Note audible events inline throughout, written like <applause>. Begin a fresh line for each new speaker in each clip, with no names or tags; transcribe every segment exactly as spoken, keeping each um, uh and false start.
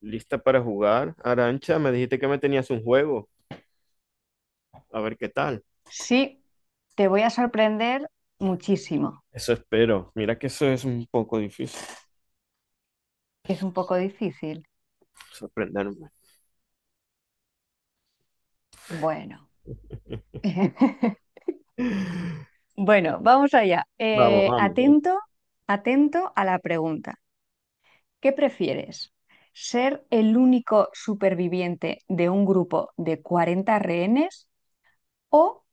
¿Lista para jugar? Arancha, me dijiste que me tenías un juego. A ver qué tal.
Sí, te voy a sorprender muchísimo,
Eso espero. Mira que eso es un poco difícil.
que es un poco difícil.
Sorprenderme.
Bueno, <laughs> bueno, vamos allá.
Vamos,
Eh,
vamos, vamos.
atento, atento a la pregunta. ¿Qué prefieres? ¿Ser el único superviviente de un grupo de cuarenta rehenes o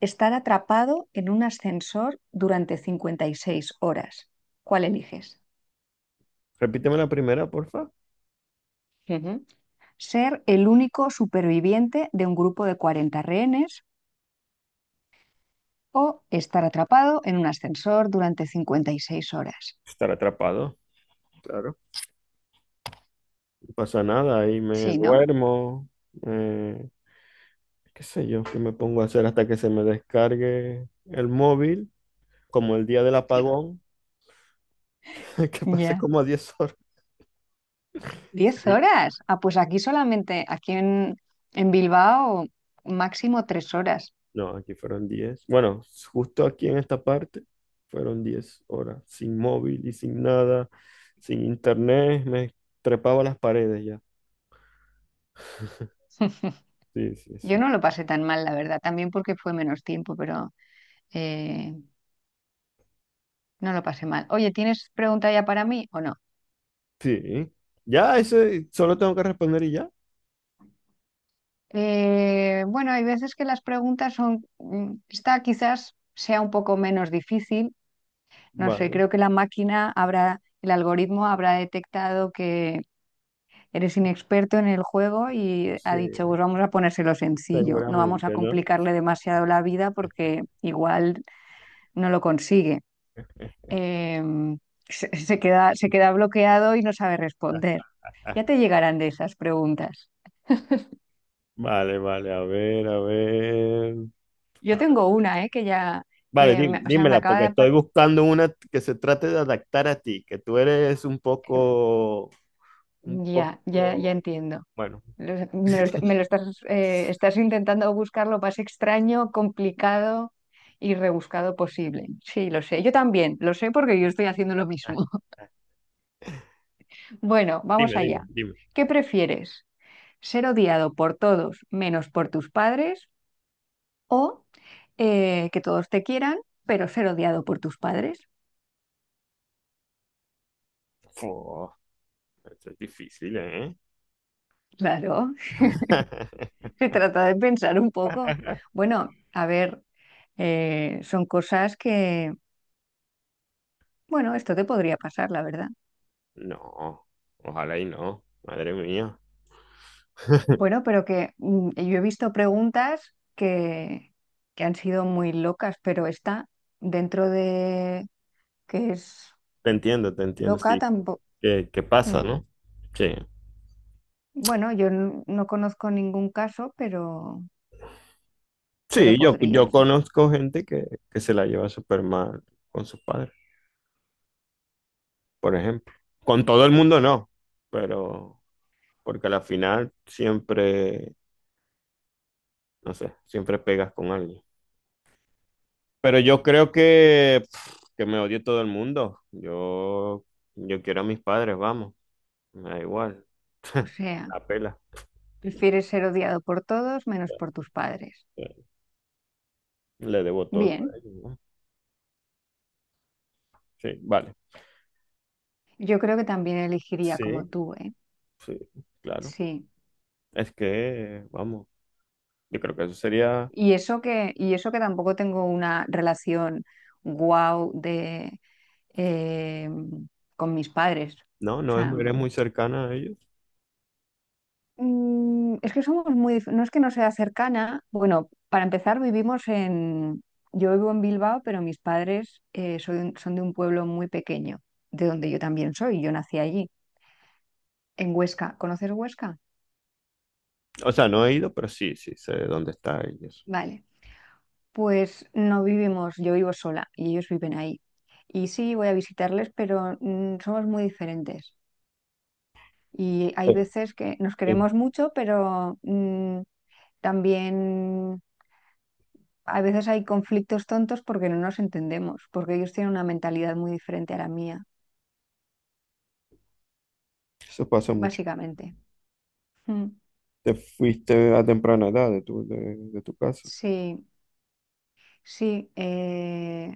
estar atrapado en un ascensor durante cincuenta y seis horas? ¿Cuál eliges?
Repíteme la primera, porfa.
Ujú. ¿Ser el único superviviente de un grupo de cuarenta rehenes o estar atrapado en un ascensor durante cincuenta y seis horas?
Estar atrapado. Claro. No pasa nada. Ahí me
Sí, ¿no?
duermo. eh, Qué sé yo, qué me pongo a hacer hasta que se me descargue el móvil. Como el día del apagón. <laughs> Que pasé
Ya.
como diez horas.
¿Diez horas? Ah, pues aquí solamente, aquí en, en Bilbao, máximo tres horas.
No, aquí fueron diez. Bueno, justo aquí en esta parte fueron diez horas, sin móvil y sin nada, sin internet, me trepaba a las paredes ya. <laughs>
<laughs>
Sí, sí,
Yo
sí.
no lo pasé tan mal, la verdad, también porque fue menos tiempo, pero eh, no lo pasé mal. Oye, ¿tienes pregunta ya para mí o no?
Sí. Ya, eso solo tengo que responder y ya.
Eh, bueno, hay veces que las preguntas son, mm, esta quizás sea un poco menos difícil, no sé,
Vale.
creo que la máquina habrá, el algoritmo habrá detectado que eres inexperto en el juego y ha
Sí,
dicho, pues vamos a ponérselo sencillo, no vamos a
seguramente, ¿no?
complicarle demasiado la vida porque igual no lo consigue. Eh, se, se queda, se queda bloqueado y no sabe responder. Ya te
Ah,
llegarán de esas preguntas.
vale, vale, a ver, a ver.
Yo
A ver.
tengo una, eh, que ya,
Vale,
que
dí-
me- o sea, me
dímela,
acaba
porque
de.
estoy
apar-
buscando una que se trate de adaptar a ti, que tú eres un
eh,
poco, un
Ya, ya, ya
poco,
entiendo.
bueno.
Lo- Me lo, est- me lo
<laughs>
estás, eh, estás intentando buscar lo más extraño, complicado y rebuscado posible. Sí, lo sé. Yo también, lo sé porque yo estoy haciendo lo mismo. <laughs> Bueno, vamos
Dime, dime,
allá.
dime.
¿Qué prefieres? ¿Ser odiado por todos menos por tus padres o eh, que todos te quieran, pero ser odiado por tus padres?
Fu, esto es difícil, ¿eh?
Claro, <laughs>
<laughs>
se trata de pensar un poco. Bueno, a ver, eh, son cosas que, bueno, esto te podría pasar, la verdad.
No, ojalá y no, madre mía.
Bueno, pero que mm, yo he visto preguntas que, que han sido muy locas, pero esta, dentro de que es
Te entiendo, te entiendo,
loca,
sí.
tampoco.
¿Qué, qué pasa, no? Sí.
Bueno, yo n- no conozco ningún caso, pero, pero
Sí, yo,
podría,
yo
sí.
conozco gente que, que se la lleva súper mal con sus padres, por ejemplo. Con todo el mundo no, pero porque a la final siempre, no sé, siempre pegas con alguien. Pero yo creo que, pf, que me odie todo el mundo. Yo, yo quiero a mis padres, vamos. Me da igual.
O
<laughs>
sea,
La pela.
prefieres ser odiado por todos menos por tus padres.
Le debo todo
Bien,
a ellos, ¿no? Sí, vale.
yo creo que también elegiría como
Sí,
tú, ¿eh?
sí, claro.
Sí.
Es que, vamos, yo creo que eso sería.
Y eso que, y eso que tampoco tengo una relación guau eh, con mis padres.
No,
O
no es,
sea,
eres muy
mm,
cercana a ellos.
Mm, es que somos muy, dif- no es que no sea cercana. Bueno, para empezar, vivimos en, yo vivo en Bilbao, pero mis padres eh, soy un- son de un pueblo muy pequeño, de donde yo también soy, yo nací allí, en Huesca. ¿Conoces Huesca?
O sea, no he ido, pero sí, sí, sé dónde está ellos.
Vale, pues no vivimos, yo vivo sola y ellos viven ahí. Y sí, voy a visitarles, pero mm, somos muy diferentes. Y hay
Sí,
veces que nos
sí,
queremos mucho, pero mm, también a veces hay conflictos tontos porque no nos entendemos, porque ellos tienen una mentalidad muy diferente a la mía,
eso pasa mucho.
básicamente. Mm,
Te fuiste a temprana edad de tu, de, de tu casa.
sí, sí. eh,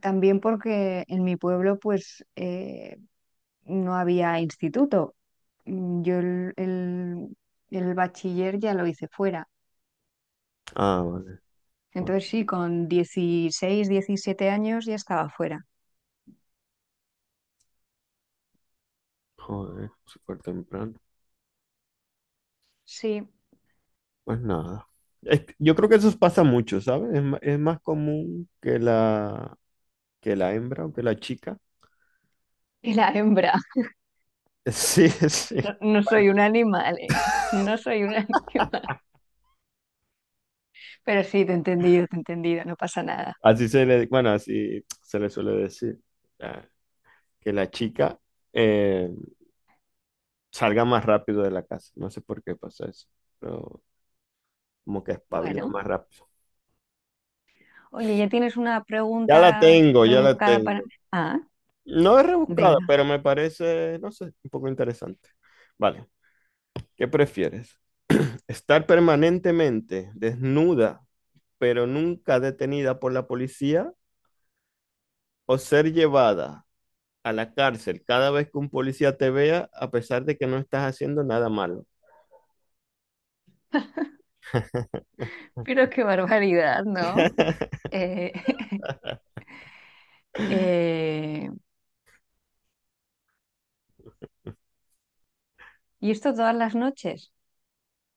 También porque en mi pueblo pues eh, no había instituto. Mm, Yo el, el, el bachiller ya lo hice fuera.
Ah, vale. Bueno,
Entonces sí, con dieciséis diecisiete años ya estaba fuera.
joder, súper temprano.
Sí,
Pues nada. Es que- yo creo que eso pasa mucho, ¿sabes? Es, ma- es más común que la, que la hembra o que la chica.
y <laughs> la hembra.
<laughs> Sí, sí.
No, no soy un animal, eh, <laughs> no soy un <laughs> animal. Pero sí, te he entendido, te he entendido, no pasa nada.
Así se le, bueno, así se le suele decir. Ah, que la chica eh, salga más rápido de la casa. No sé por qué pasa eso. Pero como que espabila
Bueno,
más rápido.
oye, ya tienes una
Ya la
pregunta
tengo, ya la
rebuscada para
tengo.
mí. Ah,
No es rebuscada,
venga.
pero me parece, no sé, un poco interesante. Vale, ¿qué prefieres? ¿Estar permanentemente desnuda, pero nunca detenida por la policía, o ser llevada a la cárcel cada vez que un policía te vea, a pesar de que no estás haciendo nada malo? <laughs>
Pero qué barbaridad, ¿no? Eh, <laughs> eh, ¿y esto todas las noches?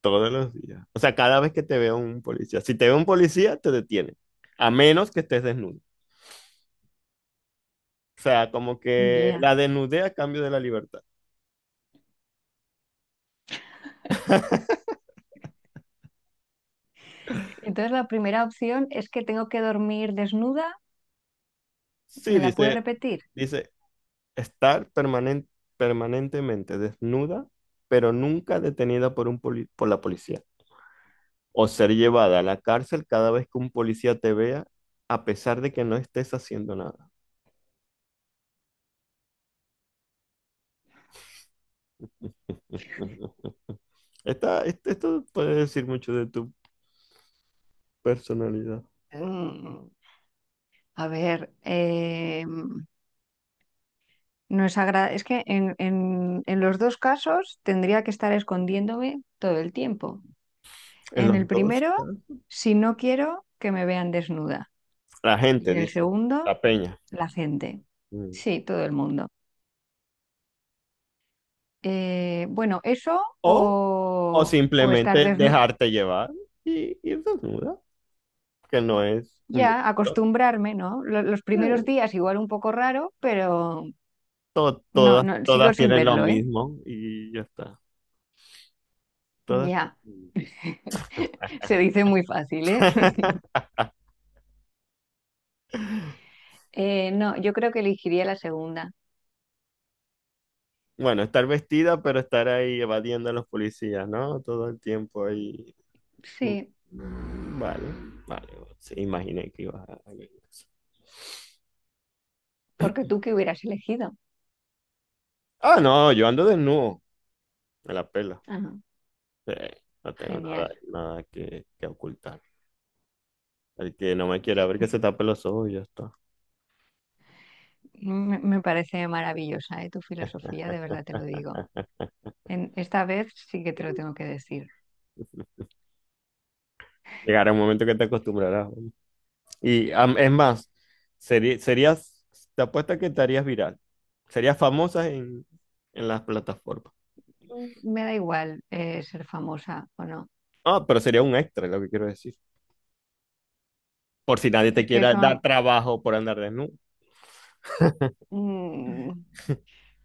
Todos los días. O sea, cada vez que te vea un policía. Si te ve un policía, te detiene. A menos que estés desnudo. O sea, como que
Ya.
la desnudez a cambio de la libertad.
Entonces la primera opción es que tengo que dormir desnuda.
Sí,
¿Me la puedes
dice,
repetir?
dice, estar permanen- permanentemente desnuda, pero nunca detenida por un poli- por la policía, o ser llevada a la cárcel cada vez que un policía te vea, a pesar de que no estés haciendo nada. <laughs> Esta- este- esto puede decir mucho de tu personalidad.
Mm, a ver, No es agra- es que en, en- en los dos casos tendría que estar escondiéndome todo el tiempo.
En
En el
los dos
primero,
casos,
si no quiero que me vean desnuda.
la
Y
gente
en el
dice,
segundo,
la peña.
la gente.
Mm.
Sí, todo el mundo. Eh, bueno, eso
O, o
o, o, estar
simplemente
desnuda.
dejarte llevar y ir desnuda, que no es un
Ya,
delito.
acostumbrarme, ¿no? Lo- Los primeros
Eh,
días igual un poco raro, pero
to-
no,
todas,
no, sigo
todas
sin
tienen lo
verlo, ¿eh?
mismo y ya está. Todas.
Ya. <laughs> Se dice muy fácil, ¿eh? <laughs>
<laughs>
Eh, no, yo creo que elegiría la segunda.
Bueno, estar vestida, pero estar ahí evadiendo a los policías, ¿no? Todo el tiempo ahí.
Sí,
Mm, vale, vale, vale. Sí, imaginé que ibas a...
porque tú qué hubieras elegido.
Ah, no, yo ando desnudo. Me la pela.
Ah,
Sí, no tengo nada,
genial.
nada que, que ocultar. El que no me quiera ver que se tape los ojos y ya está.
Me, me parece maravillosa, ¿eh? Tu filosofía, de verdad te lo digo. En, esta vez sí que te lo tengo que decir.
Llegará un momento que te acostumbrarás, ¿no? Y am- es más, seri- serías, te apuesto que te harías viral. Serías famosa en, en las plataformas.
Mm, Me da igual eh, ser famosa o no.
Ah, pero sería un extra, lo que quiero decir. Por si nadie te
Es que
quiera dar
eso,
trabajo por andar desnudo.
mm,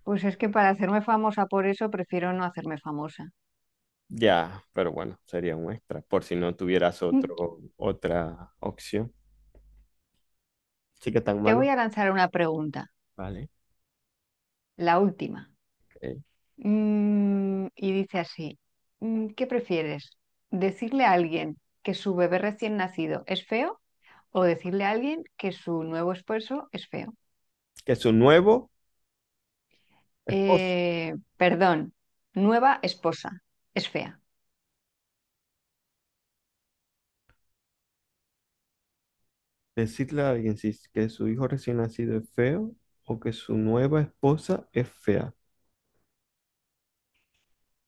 pues es que para hacerme famosa por eso prefiero no hacerme famosa.
Ya, pero bueno, sería un extra. Por si no tuvieras
Mm,
otro, otra opción. Sí que tan
Te voy
malo.
a lanzar una pregunta,
Vale.
la última.
Ok.
Mm, y dice así, mm, ¿qué prefieres? ¿Decirle a alguien que su bebé recién nacido es feo o decirle a alguien que su nuevo esposo es feo?
Que su nuevo esposo.
Eh, perdón, nueva esposa es fea.
Decirle a alguien si es que su hijo recién nacido es feo o que su nueva esposa es fea.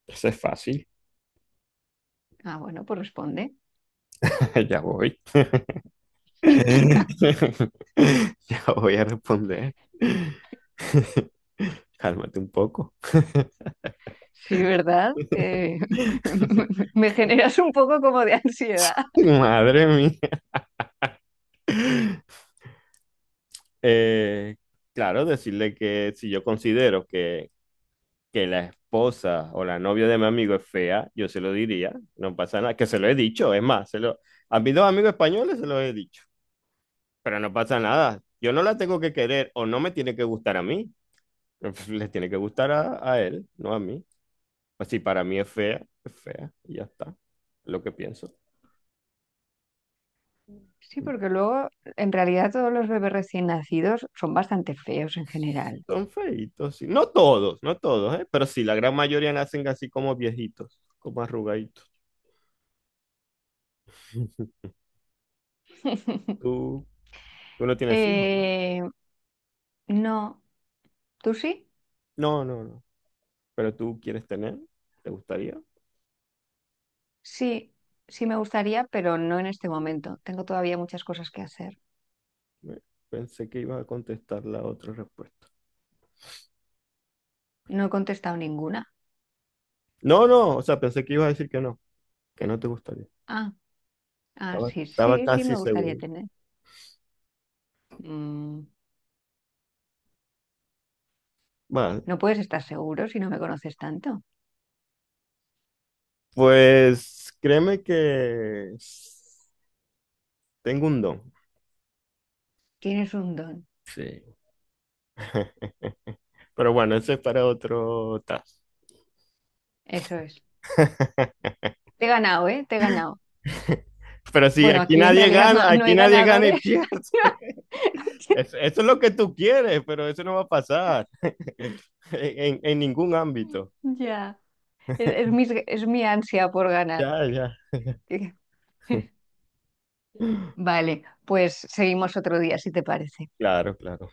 Eso es fácil.
Ah, bueno, pues responde.
<laughs> Ya voy. <laughs> Ya voy a responder. <laughs> Cálmate un poco.
Sí, ¿verdad? Eh,
<laughs>
<laughs> me generas un poco como de ansiedad.
<laughs> Madre mía. Eh, claro, decirle que si yo considero que, que la esposa o la novia de mi amigo es fea, yo se lo diría, no pasa nada, que se lo he dicho, es más, se lo, a mis dos amigos españoles se lo he dicho, pero no pasa nada, yo no la tengo que querer o no me tiene que gustar a mí, <laughs> le tiene que gustar a, a él, no a mí. Pues si para mí es fea, es fea, y ya está, es lo que pienso.
Sí, porque luego en realidad todos los bebés recién nacidos son bastante feos en general.
Son feitos, sí. No todos, no todos, ¿eh? Pero sí, la gran mayoría nacen así como viejitos, como arrugaditos. <laughs>
<laughs>
Tú, tú no tienes hijos, ¿no?
Eh, no. ¿Tú sí?
No, no, no. Pero tú quieres tener, ¿te gustaría?
Sí, sí me gustaría, pero no en este momento. Tengo todavía muchas cosas que hacer.
Eh, Pensé que ibas a contestar la otra respuesta.
No he contestado ninguna.
No, no, o sea, pensé que ibas a decir que no, que no te gustaría.
Ah, ah,
Estaba,
sí,
estaba
sí, sí
casi
me gustaría
seguro.
tener. Mm,
Vale,
no puedes estar seguro si no me conoces tanto.
pues créeme que tengo un don.
Tienes un don.
Sí. <laughs> Pero bueno, ese es para otro task.
Eso es.
<laughs>
Te he ganado, ¿eh? Te he ganado.
Pero sí,
Bueno,
aquí
aquí en
nadie
realidad no,
gana,
no
aquí
hay
nadie gana y
ganadores.
pierde. <laughs> Es-
<laughs>
Eso es lo que tú quieres, pero eso no va a pasar <laughs> en, en ningún ámbito.
Ya. Es, es mis- es mi ansia por ganar.
Ya, ya.
<laughs> Vale, pues seguimos otro día, si te parece.
Claro, claro.